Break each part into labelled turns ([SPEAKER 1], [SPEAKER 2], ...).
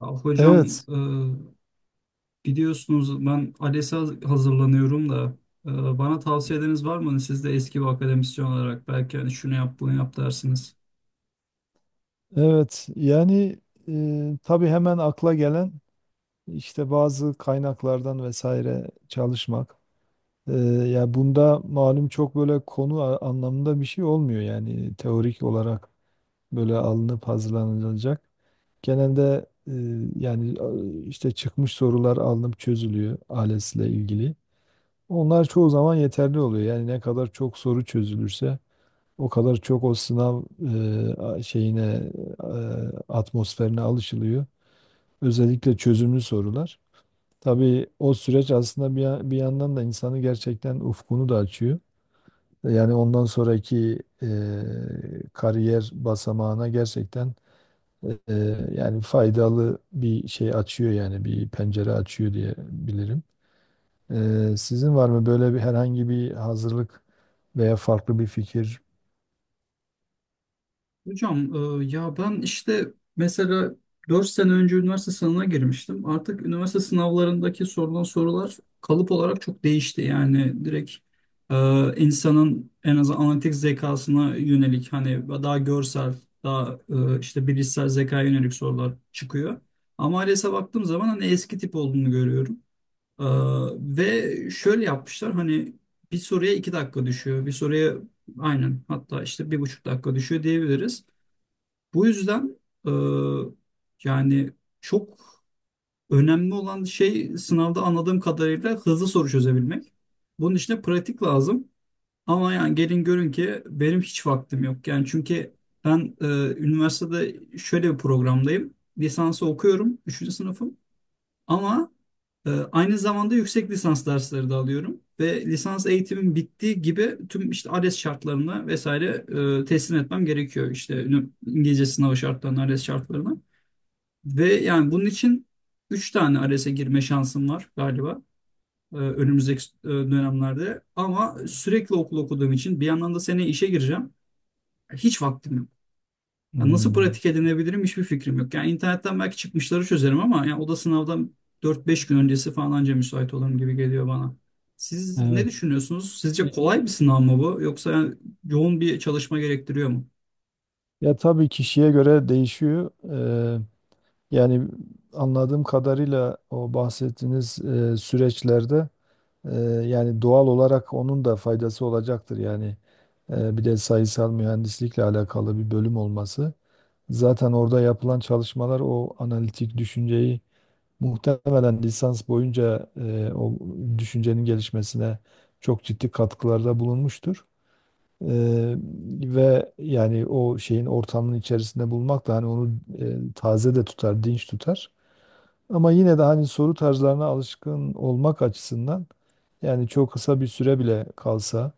[SPEAKER 1] Ya hocam,
[SPEAKER 2] Evet,
[SPEAKER 1] biliyorsunuz ben ALES'e hazırlanıyorum da, e, bana tavsiyeleriniz var mı? Siz de eski bir akademisyen olarak belki hani şunu yap bunu yap dersiniz.
[SPEAKER 2] evet. Yani tabii hemen akla gelen işte bazı kaynaklardan vesaire çalışmak. E, Ya bunda malum çok böyle anlamında bir şey olmuyor, yani teorik olarak böyle alınıp hazırlanılacak. Genelde yani işte çıkmış sorular alınıp çözülüyor ALES'le ilgili. Onlar çoğu zaman yeterli oluyor. Yani ne kadar çok soru çözülürse o kadar çok o sınav şeyine, e, atmosferine alışılıyor. Özellikle çözümlü sorular. Tabii o süreç aslında bir, bir yandan da insanı gerçekten ufkunu da açıyor. Yani ondan sonraki kariyer basamağına gerçekten e, e, yani faydalı bir şey açıyor, yani bir pencere açıyor diye bilirim. Sizin var mı böyle bir herhangi bir hazırlık veya farklı bir fikir?
[SPEAKER 1] Hocam, ya ben işte mesela 4 sene önce üniversite sınavına girmiştim. Artık üniversite sınavlarındaki sorulan sorular kalıp olarak çok değişti. Yani direkt insanın en azından analitik zekasına yönelik hani daha görsel, daha işte bilişsel zekaya yönelik sorular çıkıyor. Ama ALES'e baktığım zaman hani eski tip olduğunu görüyorum. E, Ve şöyle yapmışlar hani bir soruya 2 dakika düşüyor, bir soruya aynen, hatta işte 1,5 dakika düşüyor diyebiliriz. Bu yüzden e, yani çok önemli olan şey, sınavda anladığım kadarıyla, hızlı soru çözebilmek. Bunun için de pratik lazım. Ama yani gelin görün ki benim hiç vaktim yok. Yani çünkü ben üniversitede şöyle bir programdayım. Lisansı okuyorum, üçüncü sınıfım. Ama aynı zamanda yüksek lisans dersleri de alıyorum ve lisans eğitimim bittiği gibi tüm işte ALES şartlarına vesaire teslim etmem gerekiyor. İşte İngilizce sınavı şartlarına, ALES şartlarına. Ve yani bunun için 3 tane ALES'e girme şansım var galiba, önümüzdeki dönemlerde. Ama sürekli okul okuduğum için bir yandan da seneye işe gireceğim. Hiç vaktim yok. Ya nasıl
[SPEAKER 2] Hmm,
[SPEAKER 1] pratik edinebilirim, hiçbir fikrim yok. Yani internetten belki çıkmışları çözerim, ama yani o da sınavdan 4-5 gün öncesi falan anca müsait olurum gibi geliyor bana. Siz ne
[SPEAKER 2] evet.
[SPEAKER 1] düşünüyorsunuz? Sizce kolay bir sınav mı bu, yoksa yani yoğun bir çalışma gerektiriyor mu?
[SPEAKER 2] Ya tabii kişiye göre değişiyor. Yani anladığım kadarıyla o bahsettiğiniz süreçlerde eee, yani doğal olarak onun da faydası olacaktır. Yani bir de sayısal mühendislikle alakalı bir bölüm olması. Zaten orada yapılan çalışmalar o analitik düşünceyi muhtemelen lisans boyunca o düşüncenin gelişmesine çok ciddi katkılarda bulunmuştur. Eee, Ve yani o şeyin ortamının içerisinde bulmak da hani onu taze de tutar, dinç tutar. Ama yine de hani soru tarzlarına alışkın olmak açısından, yani çok kısa bir süre bile kalsa,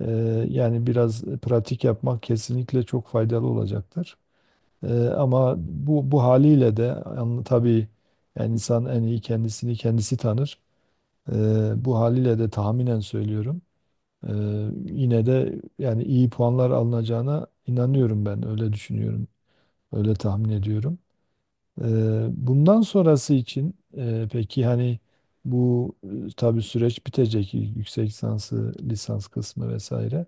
[SPEAKER 2] e, yani biraz pratik yapmak kesinlikle çok faydalı olacaktır. Ama bu haliyle de, yani tabii, yani insan en iyi kendisini kendisi tanır. Bu haliyle de tahminen söylüyorum. Ee, Yine de yani iyi puanlar alınacağına inanıyorum ben. Öyle düşünüyorum. Öyle tahmin ediyorum. Bundan sonrası için peki hani bu, tabii süreç bitecek, yüksek lisansı, lisans kısmı vesaire.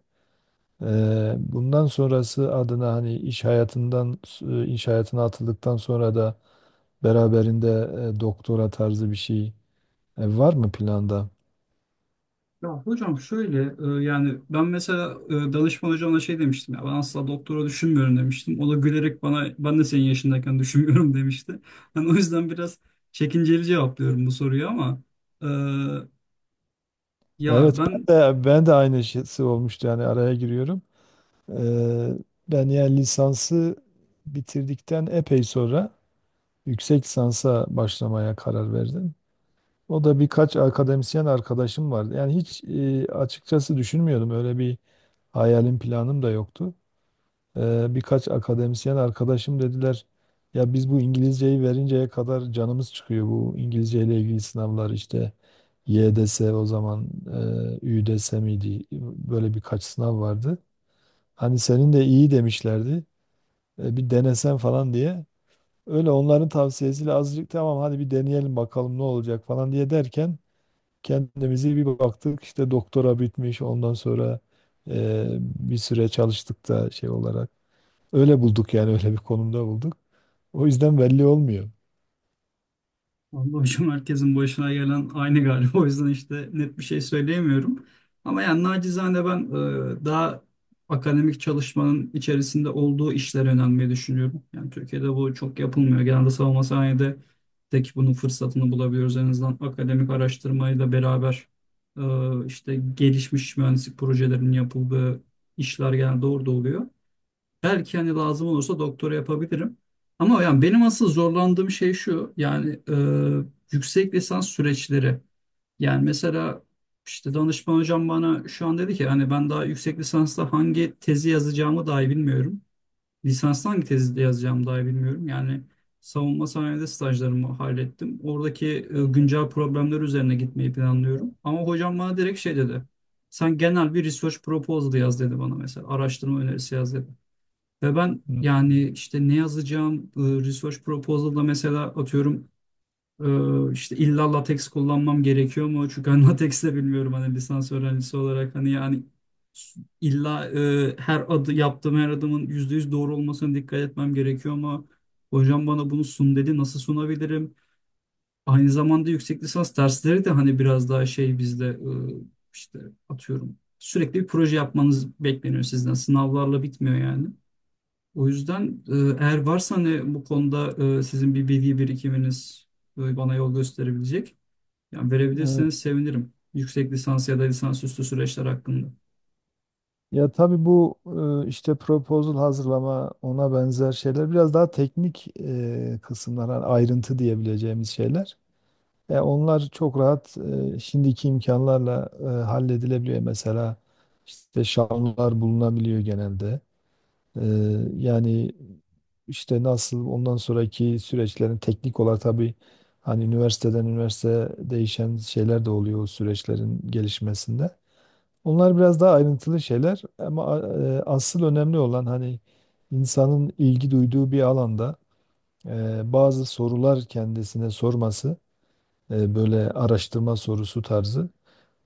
[SPEAKER 2] Bundan sonrası adına hani iş hayatından, iş hayatına atıldıktan sonra da beraberinde doktora tarzı bir şey var mı planda?
[SPEAKER 1] Ya hocam şöyle, yani ben mesela danışman hocama şey demiştim, ya ben asla doktora düşünmüyorum demiştim. O da gülerek bana, ben de senin yaşındayken düşünmüyorum demişti. Hani o yüzden biraz çekinceli cevaplıyorum bu soruyu, ama e, ya
[SPEAKER 2] Evet,
[SPEAKER 1] ben
[SPEAKER 2] ben de aynısı olmuştu, yani araya giriyorum. Eee, Ben yani lisansı bitirdikten epey sonra yüksek lisansa başlamaya karar verdim. O da birkaç akademisyen arkadaşım vardı. Yani hiç, açıkçası düşünmüyordum. Öyle bir hayalim, planım da yoktu. Birkaç akademisyen arkadaşım dediler ya biz bu İngilizceyi verinceye kadar canımız çıkıyor, bu İngilizce ile ilgili sınavlar, işte YDS o zaman, ÜDS miydi, böyle birkaç sınav vardı. Hani senin de iyi demişlerdi. Bir denesen falan diye. Öyle onların tavsiyesiyle azıcık tamam hadi bir deneyelim bakalım ne olacak falan diye derken, kendimizi bir baktık işte doktora bitmiş, ondan sonra bir süre çalıştık da şey olarak. Öyle bulduk, yani öyle bir konumda bulduk. O yüzden belli olmuyor.
[SPEAKER 1] vallahi hocam, herkesin başına gelen aynı galiba. O yüzden işte net bir şey söyleyemiyorum. Ama yani nacizane ben daha akademik çalışmanın içerisinde olduğu işlere önemli düşünüyorum. Yani Türkiye'de bu çok yapılmıyor. Genelde savunma sanayide tek bunun fırsatını bulabiliyoruz. En azından akademik araştırmayla beraber işte gelişmiş mühendislik projelerinin yapıldığı işler genelde orada oluyor. Belki hani lazım olursa doktora yapabilirim. Ama yani benim asıl zorlandığım şey şu: yani yüksek lisans süreçleri. Yani mesela işte danışman hocam bana şu an dedi ki, hani ben daha yüksek lisansta hangi tezi yazacağımı dahi bilmiyorum. Lisansta hangi tezi de yazacağımı dahi bilmiyorum. Yani savunma sanayide stajlarımı hallettim. Oradaki güncel problemler üzerine gitmeyi planlıyorum. Ama hocam bana direkt şey dedi. Sen genel bir research proposal yaz, dedi bana mesela. Araştırma önerisi yaz, dedi. Ve ben yani
[SPEAKER 2] Hmm.
[SPEAKER 1] işte ne yazacağım, research proposal'da mesela atıyorum, işte illa latex kullanmam gerekiyor mu? Çünkü ben latex de bilmiyorum, hani lisans öğrencisi olarak. Hani yani illa her adı yaptığım, her adımın %100 doğru olmasına dikkat etmem gerekiyor mu? Hocam bana bunu sun, dedi. Nasıl sunabilirim? Aynı zamanda yüksek lisans dersleri de hani biraz daha şey, bizde işte atıyorum, sürekli bir proje yapmanız bekleniyor sizden. Sınavlarla bitmiyor yani. O yüzden eğer varsa hani bu konuda sizin bir bilgi birikiminiz bana yol gösterebilecek, yani verebilirseniz
[SPEAKER 2] Evet.
[SPEAKER 1] sevinirim. Yüksek lisans ya da lisansüstü süreçler hakkında.
[SPEAKER 2] Ya tabii bu işte proposal hazırlama, ona benzer şeyler biraz daha teknik kısımlar, hani ayrıntı diyebileceğimiz şeyler. Onlar çok rahat, şimdiki imkanlarla halledilebiliyor. Mesela işte şamlar bulunabiliyor genelde. E, Yani işte nasıl ondan sonraki süreçlerin teknik olarak, tabii hani üniversiteden üniversiteye değişen şeyler de oluyor o süreçlerin gelişmesinde. Onlar biraz daha ayrıntılı şeyler, ama asıl önemli olan hani insanın ilgi duyduğu bir alanda bazı sorular kendisine sorması, böyle araştırma sorusu tarzı,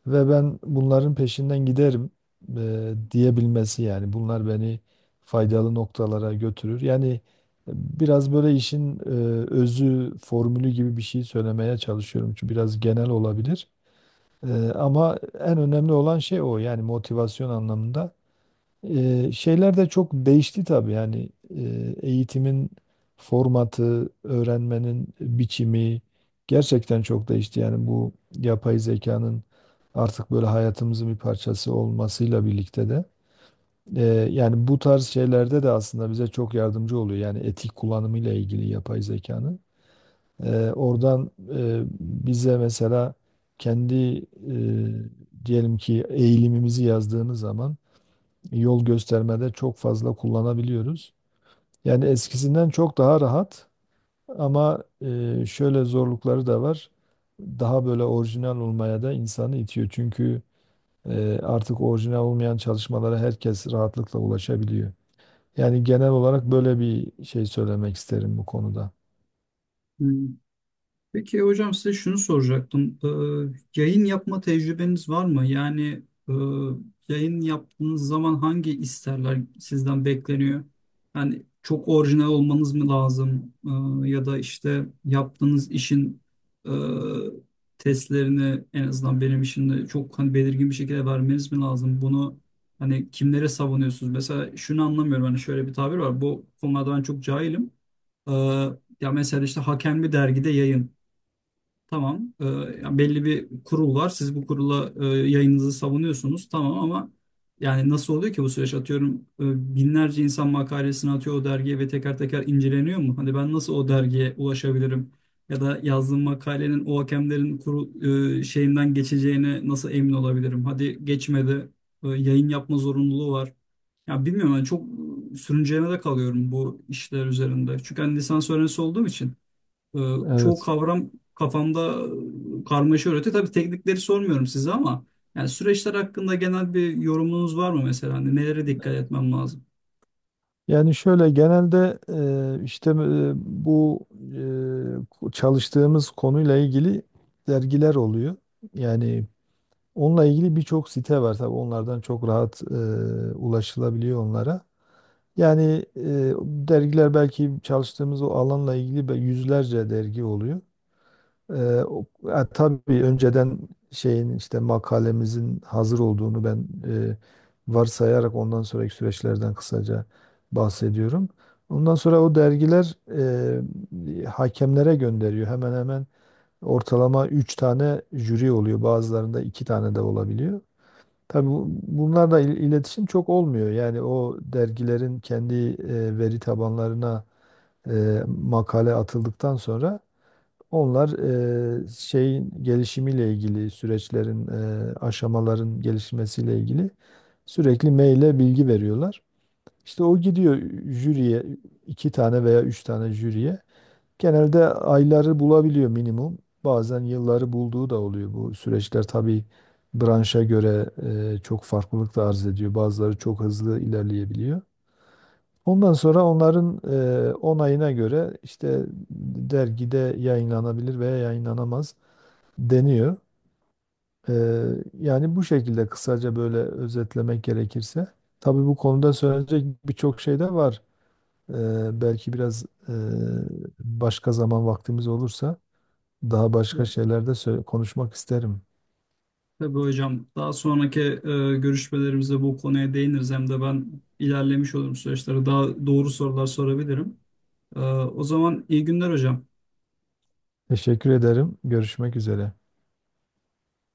[SPEAKER 2] ve ben bunların peşinden giderim diyebilmesi. Yani bunlar beni faydalı noktalara götürür. Yani biraz böyle işin özü, formülü gibi bir şey söylemeye çalışıyorum, çünkü biraz genel olabilir. Ama en önemli olan şey o, yani motivasyon anlamında. Şeyler de çok değişti tabii, yani eğitimin formatı, öğrenmenin biçimi gerçekten çok değişti. Yani bu yapay zekanın artık böyle hayatımızın bir parçası olmasıyla birlikte de, e, yani bu tarz şeylerde de aslında bize çok yardımcı oluyor. Yani etik kullanımıyla ilgili yapay zekanın. Oradan bize mesela kendi diyelim ki eğilimimizi yazdığınız zaman yol göstermede çok fazla kullanabiliyoruz. Yani eskisinden çok daha rahat, ama şöyle zorlukları da var. Daha böyle orijinal olmaya da insanı itiyor. Çünkü artık orijinal olmayan çalışmalara herkes rahatlıkla ulaşabiliyor. Yani genel olarak böyle bir şey söylemek isterim bu konuda.
[SPEAKER 1] Peki hocam, size şunu soracaktım. Yayın yapma tecrübeniz var mı? Yani e, yayın yaptığınız zaman hangi isterler sizden bekleniyor? Yani çok orijinal olmanız mı lazım? Ya da işte yaptığınız işin e, testlerini en azından benim için de çok hani belirgin bir şekilde vermeniz mi lazım? Bunu hani kimlere savunuyorsunuz? Mesela şunu anlamıyorum. Hani şöyle bir tabir var. Bu konularda ben çok cahilim. Ee, Ya mesela işte hakem bir dergide yayın. Tamam. Yani belli bir kurul var. Siz bu kurula yayınınızı savunuyorsunuz. Tamam ama yani nasıl oluyor ki bu süreç? Atıyorum, binlerce insan makalesini atıyor o dergiye ve teker teker inceleniyor mu? Hani ben nasıl o dergiye ulaşabilirim? Ya da yazdığım makalenin o hakemlerin kurul şeyinden geçeceğine nasıl emin olabilirim? Hadi geçmedi. Yayın yapma zorunluluğu var. Ya bilmiyorum, ben çok sürünceme de kalıyorum bu işler üzerinde. Çünkü hani lisans öğrencisi olduğum için. Ee, Çoğu
[SPEAKER 2] Evet.
[SPEAKER 1] kavram kafamda karmaşa öğretiyor. Tabii teknikleri sormuyorum size, ama yani süreçler hakkında genel bir yorumunuz var mı mesela? Hani nelere dikkat etmem lazım?
[SPEAKER 2] Yani şöyle genelde işte bu çalıştığımız konuyla ilgili dergiler oluyor. Yani onunla ilgili birçok site var, tabii onlardan çok rahat ulaşılabiliyor onlara. Yani dergiler, belki çalıştığımız o alanla ilgili yüzlerce dergi oluyor. E, tabii önceden şeyin, işte makalemizin hazır olduğunu ben varsayarak ondan sonraki süreçlerden kısaca bahsediyorum. Ondan sonra o dergiler hakemlere gönderiyor. Hemen hemen ortalama 3 tane jüri oluyor. Bazılarında 2 tane de olabiliyor. Tabii bunlarla iletişim çok olmuyor. Yani o dergilerin kendi veri tabanlarına makale atıldıktan sonra, onlar şeyin gelişimiyle ilgili süreçlerin, aşamaların gelişmesiyle ilgili sürekli maille bilgi veriyorlar. İşte o gidiyor jüriye, 2 tane veya 3 tane jüriye. Genelde ayları bulabiliyor minimum. Bazen yılları bulduğu da oluyor. Bu süreçler tabii branşa göre çok farklılık da arz ediyor. Bazıları çok hızlı ilerleyebiliyor. Ondan sonra onların onayına göre işte dergide yayınlanabilir veya yayınlanamaz deniyor. E, Yani bu şekilde kısaca böyle özetlemek gerekirse. Tabii bu konuda söylenecek birçok şey de var. Belki biraz başka zaman vaktimiz olursa daha başka
[SPEAKER 1] Evet.
[SPEAKER 2] şeylerde söyle, konuşmak isterim.
[SPEAKER 1] Tabii hocam, daha sonraki görüşmelerimizde bu konuya değiniriz. Hem de ben ilerlemiş olurum süreçlere. Daha doğru sorular sorabilirim. O zaman iyi günler hocam.
[SPEAKER 2] Teşekkür ederim. Görüşmek üzere.